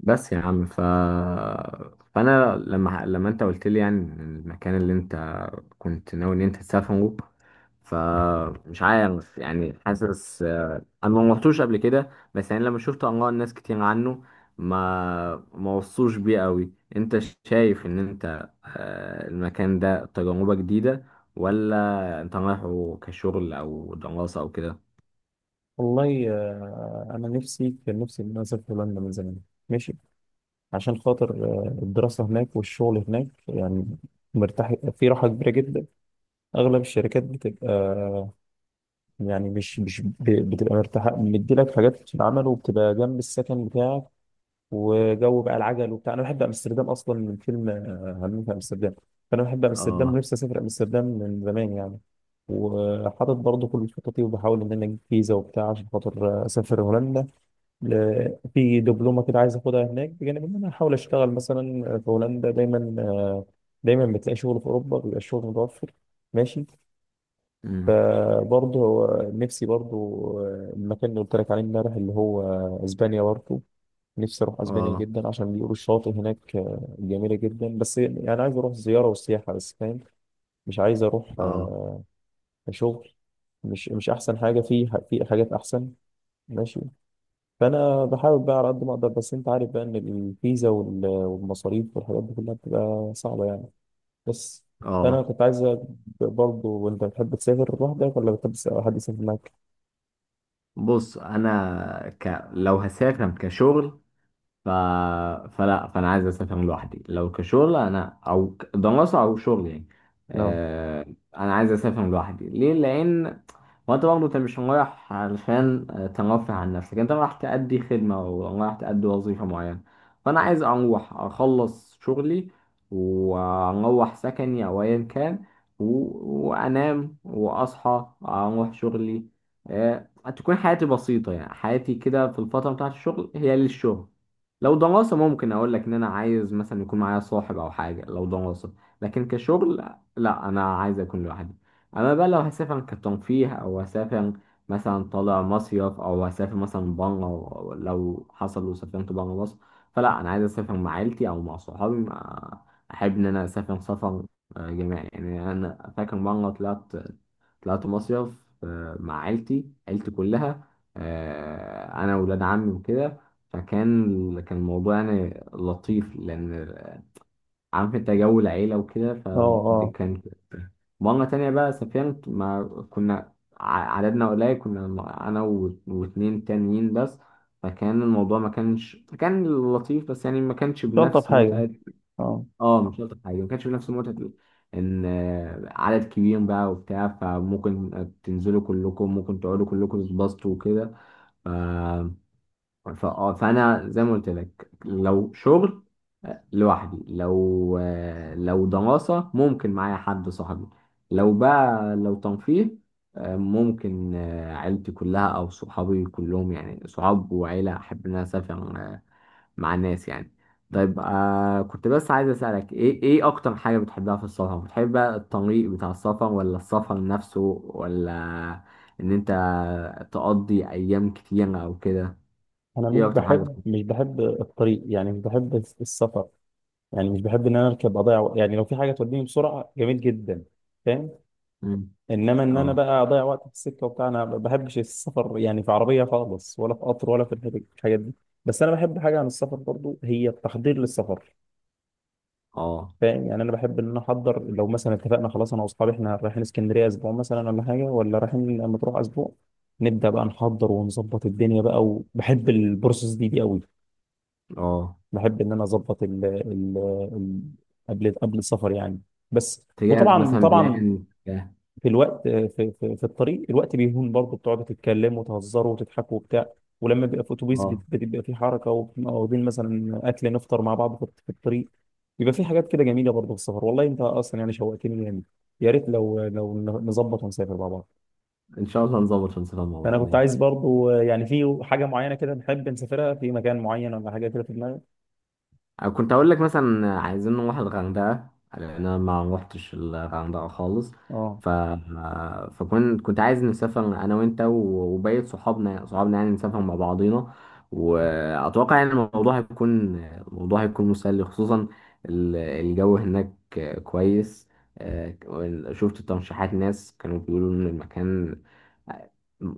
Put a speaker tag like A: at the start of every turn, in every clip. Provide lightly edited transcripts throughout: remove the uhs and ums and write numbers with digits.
A: بس يا عم فانا لما انت قلت لي، يعني المكان اللي انت كنت ناوي ان انت تسافره، فمش عارف، يعني حاسس. انا ما رحتوش قبل كده، بس يعني لما شفت اراء الناس كتير عنه ما وصوش بيه قوي. انت شايف ان انت، المكان ده تجربة جديدة، ولا انت رايحه كشغل او دراسة او كده؟
B: والله، انا نفسي كان نفسي ان انا اسافر هولندا من زمان. ماشي. عشان خاطر الدراسه هناك والشغل هناك، يعني مرتاح، في راحه كبيره جدا. اغلب الشركات بتبقى يعني مش بتبقى مرتاحه، مديلك حاجات في العمل، وبتبقى جنب السكن بتاعك، وجو بقى العجل وبتاع. انا بحب امستردام اصلا من فيلم همام في امستردام، فانا بحب امستردام
A: اه.
B: ونفسي اسافر امستردام من زمان يعني. وحاطط برضه كل خططي، وبحاول ان انا اجيب فيزا وبتاع عشان خاطر اسافر هولندا. في دبلومه كده عايز اخدها هناك، بجانب ان انا احاول اشتغل مثلا في هولندا. دايما دايما بتلاقي شغل في اوروبا، بيبقى الشغل متوفر. ماشي.
A: أمم.
B: فبرضه هو، نفسي برضه المكان اللي قلت لك عليه امبارح اللي هو اسبانيا برضه. نفسي اروح اسبانيا
A: اه.
B: جدا، عشان بيقولوا الشواطئ هناك جميله جدا، بس يعني عايز اروح زياره وسياحه بس، فاهم، مش عايز اروح
A: اه.
B: شغل، مش احسن حاجه، في حاجات احسن. ماشي. فانا بحاول بقى على قد ما اقدر، بس انت عارف بقى ان الفيزا والمصاريف والحاجات دي كلها بتبقى صعبه يعني. بس، فانا
A: اه.
B: كنت عايز برضه. وانت بتحب تسافر لوحدك، ولا بتحب حد يسافر معاك؟
A: بص، انا لو هسافر كشغل، ف... فلا، فانا عايز اسافر لوحدي. لو كشغل انا او دراسه او شغل، يعني
B: اه،
A: آه... انا عايز اسافر لوحدي. ليه؟ لان هو انت برضه، انت مش رايح علشان ترفه عن نفسك، انت رايح تأدي خدمه او رايح تأدي وظيفه معينه. فانا عايز اروح اخلص شغلي، واروح سكني او ايا كان، و... وانام واصحى اروح شغلي. آه... تكون حياتي بسيطه، يعني حياتي كده في الفتره بتاعت الشغل هي للشغل. لو دراسة، ممكن أقول لك إن أنا عايز مثلا يكون معايا صاحب أو حاجة لو دراسة، لكن كشغل لا، أنا عايز أكون لوحدي. أما بقى لو هسافر كترفيه، أو هسافر مثلا طالع مصيف، أو هسافر مثلا بره، لو حصل وسافرت بره مصر، فلا أنا عايز أسافر مع عيلتي أو مع صحابي، أحب إن أنا أسافر سفر جماعي. يعني أنا فاكر مرة طلعت، طلعت مصيف مع عيلتي، عيلتي كلها، أنا وولاد عمي وكده. فكان الموضوع يعني لطيف، لأن عارف أنت جو العيلة وكده،
B: اه،
A: فدي
B: اه،
A: كانت. مرة تانية بقى سافرت، ما كنا عددنا قليل، كنا أنا واتنين تانيين بس، فكان الموضوع ما كانش كان لطيف، بس يعني ما كانش
B: مش الطف
A: بنفس
B: حاجه،
A: متعة.
B: اه.
A: اه، مش شرط حاجة، ما كانش بنفس متعة إن عدد كبير بقى وبتاع، فممكن تنزلوا كلكم، ممكن تقعدوا كلكم تتبسطوا وكده. فانا زي ما قلت لك، لو شغل لوحدي، لو لو دراسة ممكن معايا حد صاحبي، لو بقى لو تنفيذ، ممكن عيلتي كلها او صحابي كلهم، يعني صحاب وعيلة احب ان انا اسافر مع الناس يعني. طيب، آه، كنت بس عايز اسالك ايه؟ ايه اكتر حاجة بتحبها في السفر؟ بتحب بقى الطريق بتاع السفر، ولا السفر نفسه، ولا ان انت تقضي ايام كتير او كده؟
B: انا مش
A: ايه اكتر حاجة؟
B: بحب مش بحب الطريق، يعني مش بحب السفر. يعني مش بحب ان انا اركب اضيع يعني لو في حاجه توديني بسرعه جميل جدا، فاهم.
A: مم.
B: انما ان انا
A: اه.
B: بقى اضيع وقت في السكه وبتاع، انا ما بحبش السفر يعني، في عربيه خالص، ولا في قطر، ولا في الحاجات، في الحاجات دي. بس انا بحب حاجه عن السفر برضو، هي التحضير للسفر،
A: اه.
B: فاهم. يعني انا بحب ان انا احضر. لو مثلا اتفقنا خلاص انا واصحابي احنا رايحين اسكندريه اسبوع مثلا، ولا حاجه، ولا رايحين مطروح اسبوع، نبدا بقى نحضر ونظبط الدنيا بقى. وبحب البروسس دي قوي.
A: اه.
B: بحب ان انا اظبط ال- قبل السفر يعني. بس.
A: تجهز
B: وطبعا
A: مثلا
B: طبعا
A: بلان، اه.
B: في الوقت، في الطريق الوقت بيهون برضه، بتقعدوا تتكلموا وتهزروا وتضحكوا وبتاع. ولما بيبقى في اتوبيس
A: اه.
B: بتبقى في حركه، وبنبقى واخدين مثلا اكل نفطر مع بعض في الطريق. بيبقى في حاجات كده جميله برضه في السفر. والله انت اصلا يعني شوقتني يعني، يا ريت لو نظبط ونسافر مع بعض.
A: ان شاء الله نظبط ونسافر مع
B: فانا
A: بعض.
B: كنت عايز برضه يعني، في حاجه معينه كده نحب نسافرها في مكان معين، ولا حاجه كده في دماغك؟
A: أنا كنت أقول لك مثلا عايزين نروح الغردقة، لأن أنا ما روحتش الغردقة خالص.
B: اه،
A: فكنت عايز نسافر أنا وأنت وبقية صحابنا، يعني نسافر مع بعضينا. وأتوقع يعني الموضوع هيكون مسلي، خصوصا الجو هناك كويس. آه، شفت ترشيحات ناس كانوا بيقولوا إن المكان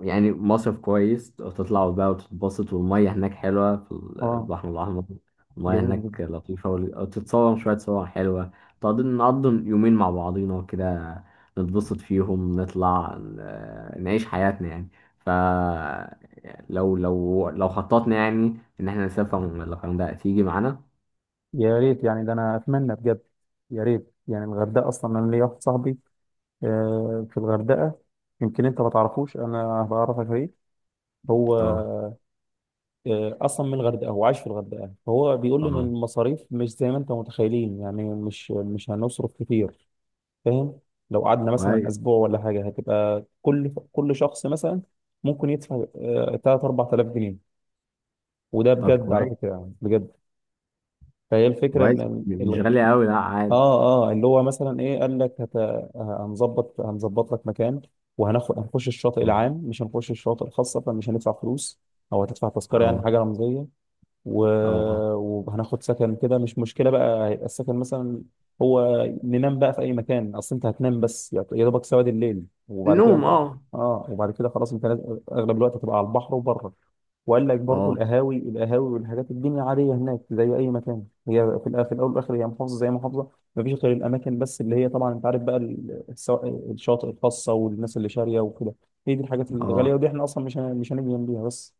A: يعني مصيف كويس، تطلعوا بقى وتتبسط، والمية هناك حلوة في
B: اه،
A: البحر الأحمر. المياه
B: جميل
A: هناك
B: جدا،
A: لطيفة، وتتصور شوية صور حلوة. تقضي نقضي يومين مع بعضينا كده، نتبسط فيهم، نطلع نعيش حياتنا يعني. ف، لو خططنا يعني إن احنا نسافر من الغردقة، تيجي معانا؟
B: يا ريت يعني. ده انا اتمنى بجد، يا ريت يعني الغردقه. اصلا انا ليا واحد صاحبي في الغردقة، يمكن انت ما تعرفوش. انا بعرفك ايه؟ هو
A: اه.
B: اصلا من الغردقة، هو عايش في الغردقة، فهو بيقول لي ان
A: اه.
B: المصاريف مش زي ما انت متخيلين يعني، مش هنصرف كتير، فاهم. لو قعدنا مثلا
A: كويس.
B: اسبوع ولا حاجة، هتبقى كل شخص مثلا ممكن يدفع 3 4000 جنيه، وده
A: طب
B: بجد على
A: كويس.
B: فكرة، يعني بجد، فهي الفكرة
A: كويس،
B: ان،
A: مش غالية أوي، لا عادي.
B: اه، اه، اللي هو مثلا ايه قال لك؟ هنظبط لك مكان، وهناخد هنخش الشاطئ
A: اه.
B: العام، مش هنخش الشاطئ الخاص، فمش هندفع فلوس، او هتدفع تذكره
A: اه.
B: يعني حاجه رمزيه. و...
A: اه.
B: وهناخد سكن كده، مش مشكلة بقى، هيبقى السكن مثلا هو ننام بقى في أي مكان، أصل أنت هتنام بس يا دوبك سواد الليل، وبعد كده
A: النوم،
B: أنت
A: اه.
B: وبعد كده خلاص. أنت أغلب الوقت هتبقى على البحر وبره. وقال لك برضو
A: اه.
B: القهاوي، والحاجات، الدنيا عادية هناك زي أي مكان، هي في في الأول والآخر هي محافظة زي محافظة، مفيش غير الأماكن بس، اللي هي طبعا أنت عارف بقى الشواطئ الخاصة والناس اللي شارية وكده، هي دي الحاجات الغالية،
A: اه.
B: ودي إحنا أصلا مش هنيجي جنبيها بس.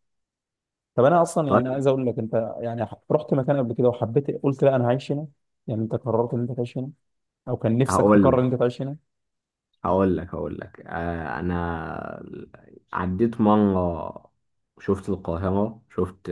B: طب انا اصلا يعني
A: طيب.
B: عايز اقول لك انت، يعني رحت مكان قبل كده وحبيت قلت لا انا هعيش هنا، يعني انت قررت ان انت تعيش هنا، او كان نفسك
A: هقول
B: تقرر
A: لك.
B: ان انت تعيش هنا؟
A: هقول لك. آه، انا عديت مره، شفت القاهره، شفت،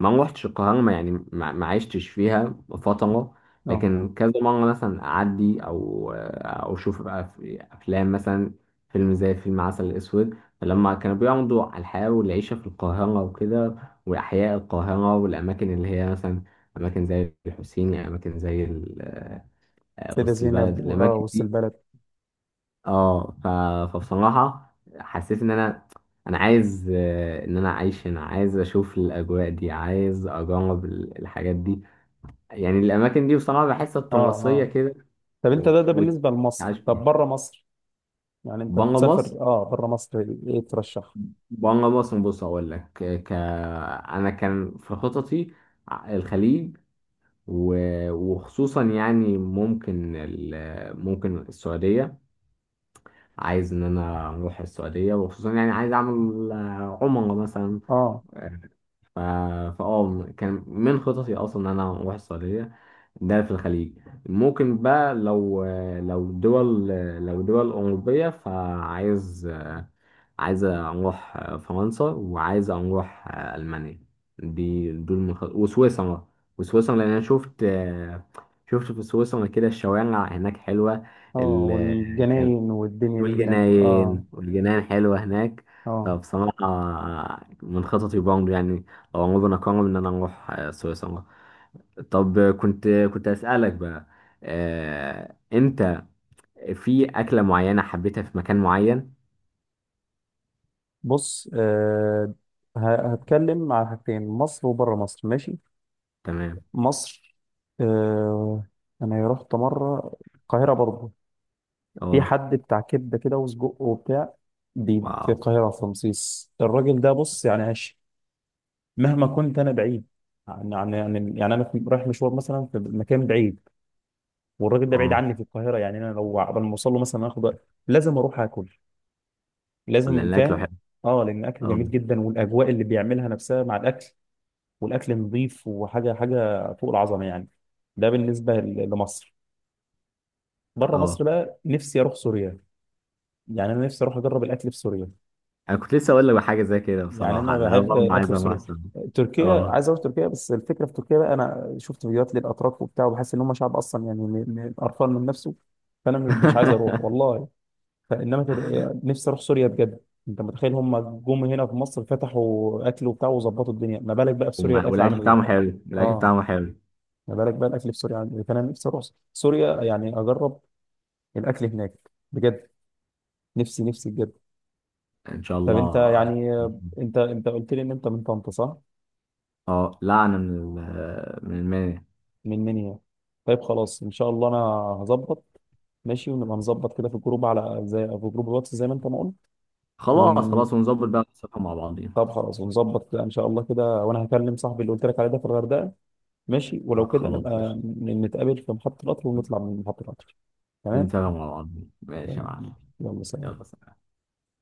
A: ما روحتش القاهره، ما يعني ما عشتش فيها فتره.
B: اه،
A: لكن كذا مره مثلا اعدي، او او اشوف بقى في افلام مثلا، فيلم زي فيلم عسل اسود. فلما كانوا بيعرضوا على الحياه والعيشه في القاهره وكده، واحياء القاهره، والاماكن اللي هي مثلا اماكن زي الحسيني، اماكن زي
B: سيدة
A: وسط
B: زينب
A: البلد،
B: اه،
A: الاماكن
B: وسط
A: دي.
B: البلد،
A: اه. فبصراحة حسيت ان انا، انا عايز ان انا اعيش هنا، عايز اشوف الاجواء دي، عايز اجرب الحاجات دي. يعني الاماكن دي بصراحة بحسها
B: اه،
A: تراثية
B: اه.
A: كده،
B: طب انت ده بالنسبه لمصر،
A: وتعيش
B: طب
A: بيها.
B: بره مصر، يعني انت
A: بره مصر،
B: تسافر اه بره مصر، ايه ترشح؟
A: بره مصر بص اقول لك، انا كان في خططي، الخليج، و... وخصوصا يعني ممكن، ممكن السعودية. عايز ان انا اروح السعودية، وخصوصا يعني عايز اعمل عمرة مثلا.
B: اه،
A: ف- فاه كان من خططي اصلا ان انا اروح السعوديه، ده في الخليج. ممكن بقى لو دول لو دول اوروبيه، فعايز، عايز اروح فرنسا، وعايز اروح المانيا. دي دول من خط... وسويسرا وسويسرا. لان انا شفت، في سويسرا كده الشوارع هناك حلوه،
B: اه،
A: ال...
B: والجناين والدنيا دي هناك اه.
A: والجناين والجناين حلوة هناك.
B: اه،
A: فبصراحة من خططي برضه، يعني لو عمرنا قرر إن أنا أروح سويسرا. طب كنت، أسألك بقى، أنت في أكلة معينة حبيتها في مكان معين؟
B: بص هتكلم على حاجتين، مصر وبره مصر، ماشي.
A: تمام.
B: مصر آه انا رحت مره القاهره برضه، في
A: أه.
B: حد بتاع كبده كده وسجق وبتاع في
A: واو.
B: القاهره في رمسيس، الراجل ده بص يعني عاش. مهما كنت انا بعيد عن، يعني انا رايح مشوار مثلا في مكان بعيد، والراجل ده بعيد
A: أه،
B: عني في القاهره، يعني انا لو قبل ما اوصل له مثلا اخد وقت، لازم اروح اكل،
A: لأن
B: لازم،
A: الأكل
B: فاهم.
A: حلو.
B: اه، لان الاكل
A: أه.
B: جميل جدا، والاجواء اللي بيعملها نفسها مع الاكل، والاكل نظيف، وحاجه حاجه فوق العظمه يعني. ده بالنسبه لمصر. بره
A: أه.
B: مصر بقى نفسي اروح سوريا، يعني انا نفسي اروح اجرب الاكل في سوريا،
A: أنا كنت لسه أقول لك حاجة زي كده،
B: يعني
A: بصراحة
B: انا
A: أنا
B: بحب
A: برضه عايز
B: الاكل في
A: أروح
B: سوريا.
A: سويسرا.
B: تركيا،
A: أه.
B: عايز اروح تركيا، بس الفكره في تركيا بقى، انا شفت فيديوهات للاتراك وبتاع، وبحس ان هم شعب اصلا يعني قرفان من نفسه، فانا ما ببقاش عايز اروح والله. فانما تر... نفسي اروح سوريا بجد. انت متخيل هم جم هنا في مصر فتحوا اكل وبتاع وظبطوا الدنيا، ما بالك بقى في سوريا الاكل
A: والأكل
B: عامل ايه؟
A: بتاعهم حلو، الأكل
B: اه،
A: بتاعهم حلو.
B: ما بالك بقى الاكل في سوريا عامل ايه، فانا نفسي اروح سوريا، يعني اجرب الاكل هناك بجد. نفسي نفسي بجد.
A: إن شاء
B: طب انت
A: الله.
B: يعني، انت قلت لي ان انت من طنطا صح؟
A: اه، لعنة من من المانيا.
B: من منيا. طيب خلاص، ان شاء الله انا هظبط، ماشي. ونبقى نظبط كده في الجروب، على زي في جروب الواتس زي ما انت ما قلت.
A: خلاص
B: ون
A: خلاص ونظبط بقى، ونسافر مع بعضينا.
B: طب خلاص ونظبط كده ان شاء الله كده، وانا هكلم صاحبي اللي قلت لك عليه ده في الغردقه، ماشي،
A: آه
B: ولو كده
A: خلاص
B: نبقى
A: قشطة.
B: نتقابل في محطه القطر، ونطلع من محطه القطر، تمام؟
A: ونسافر مع بعضينا ماشي يا معلم.
B: تمام. يلا
A: يلا
B: سلام.
A: سلام.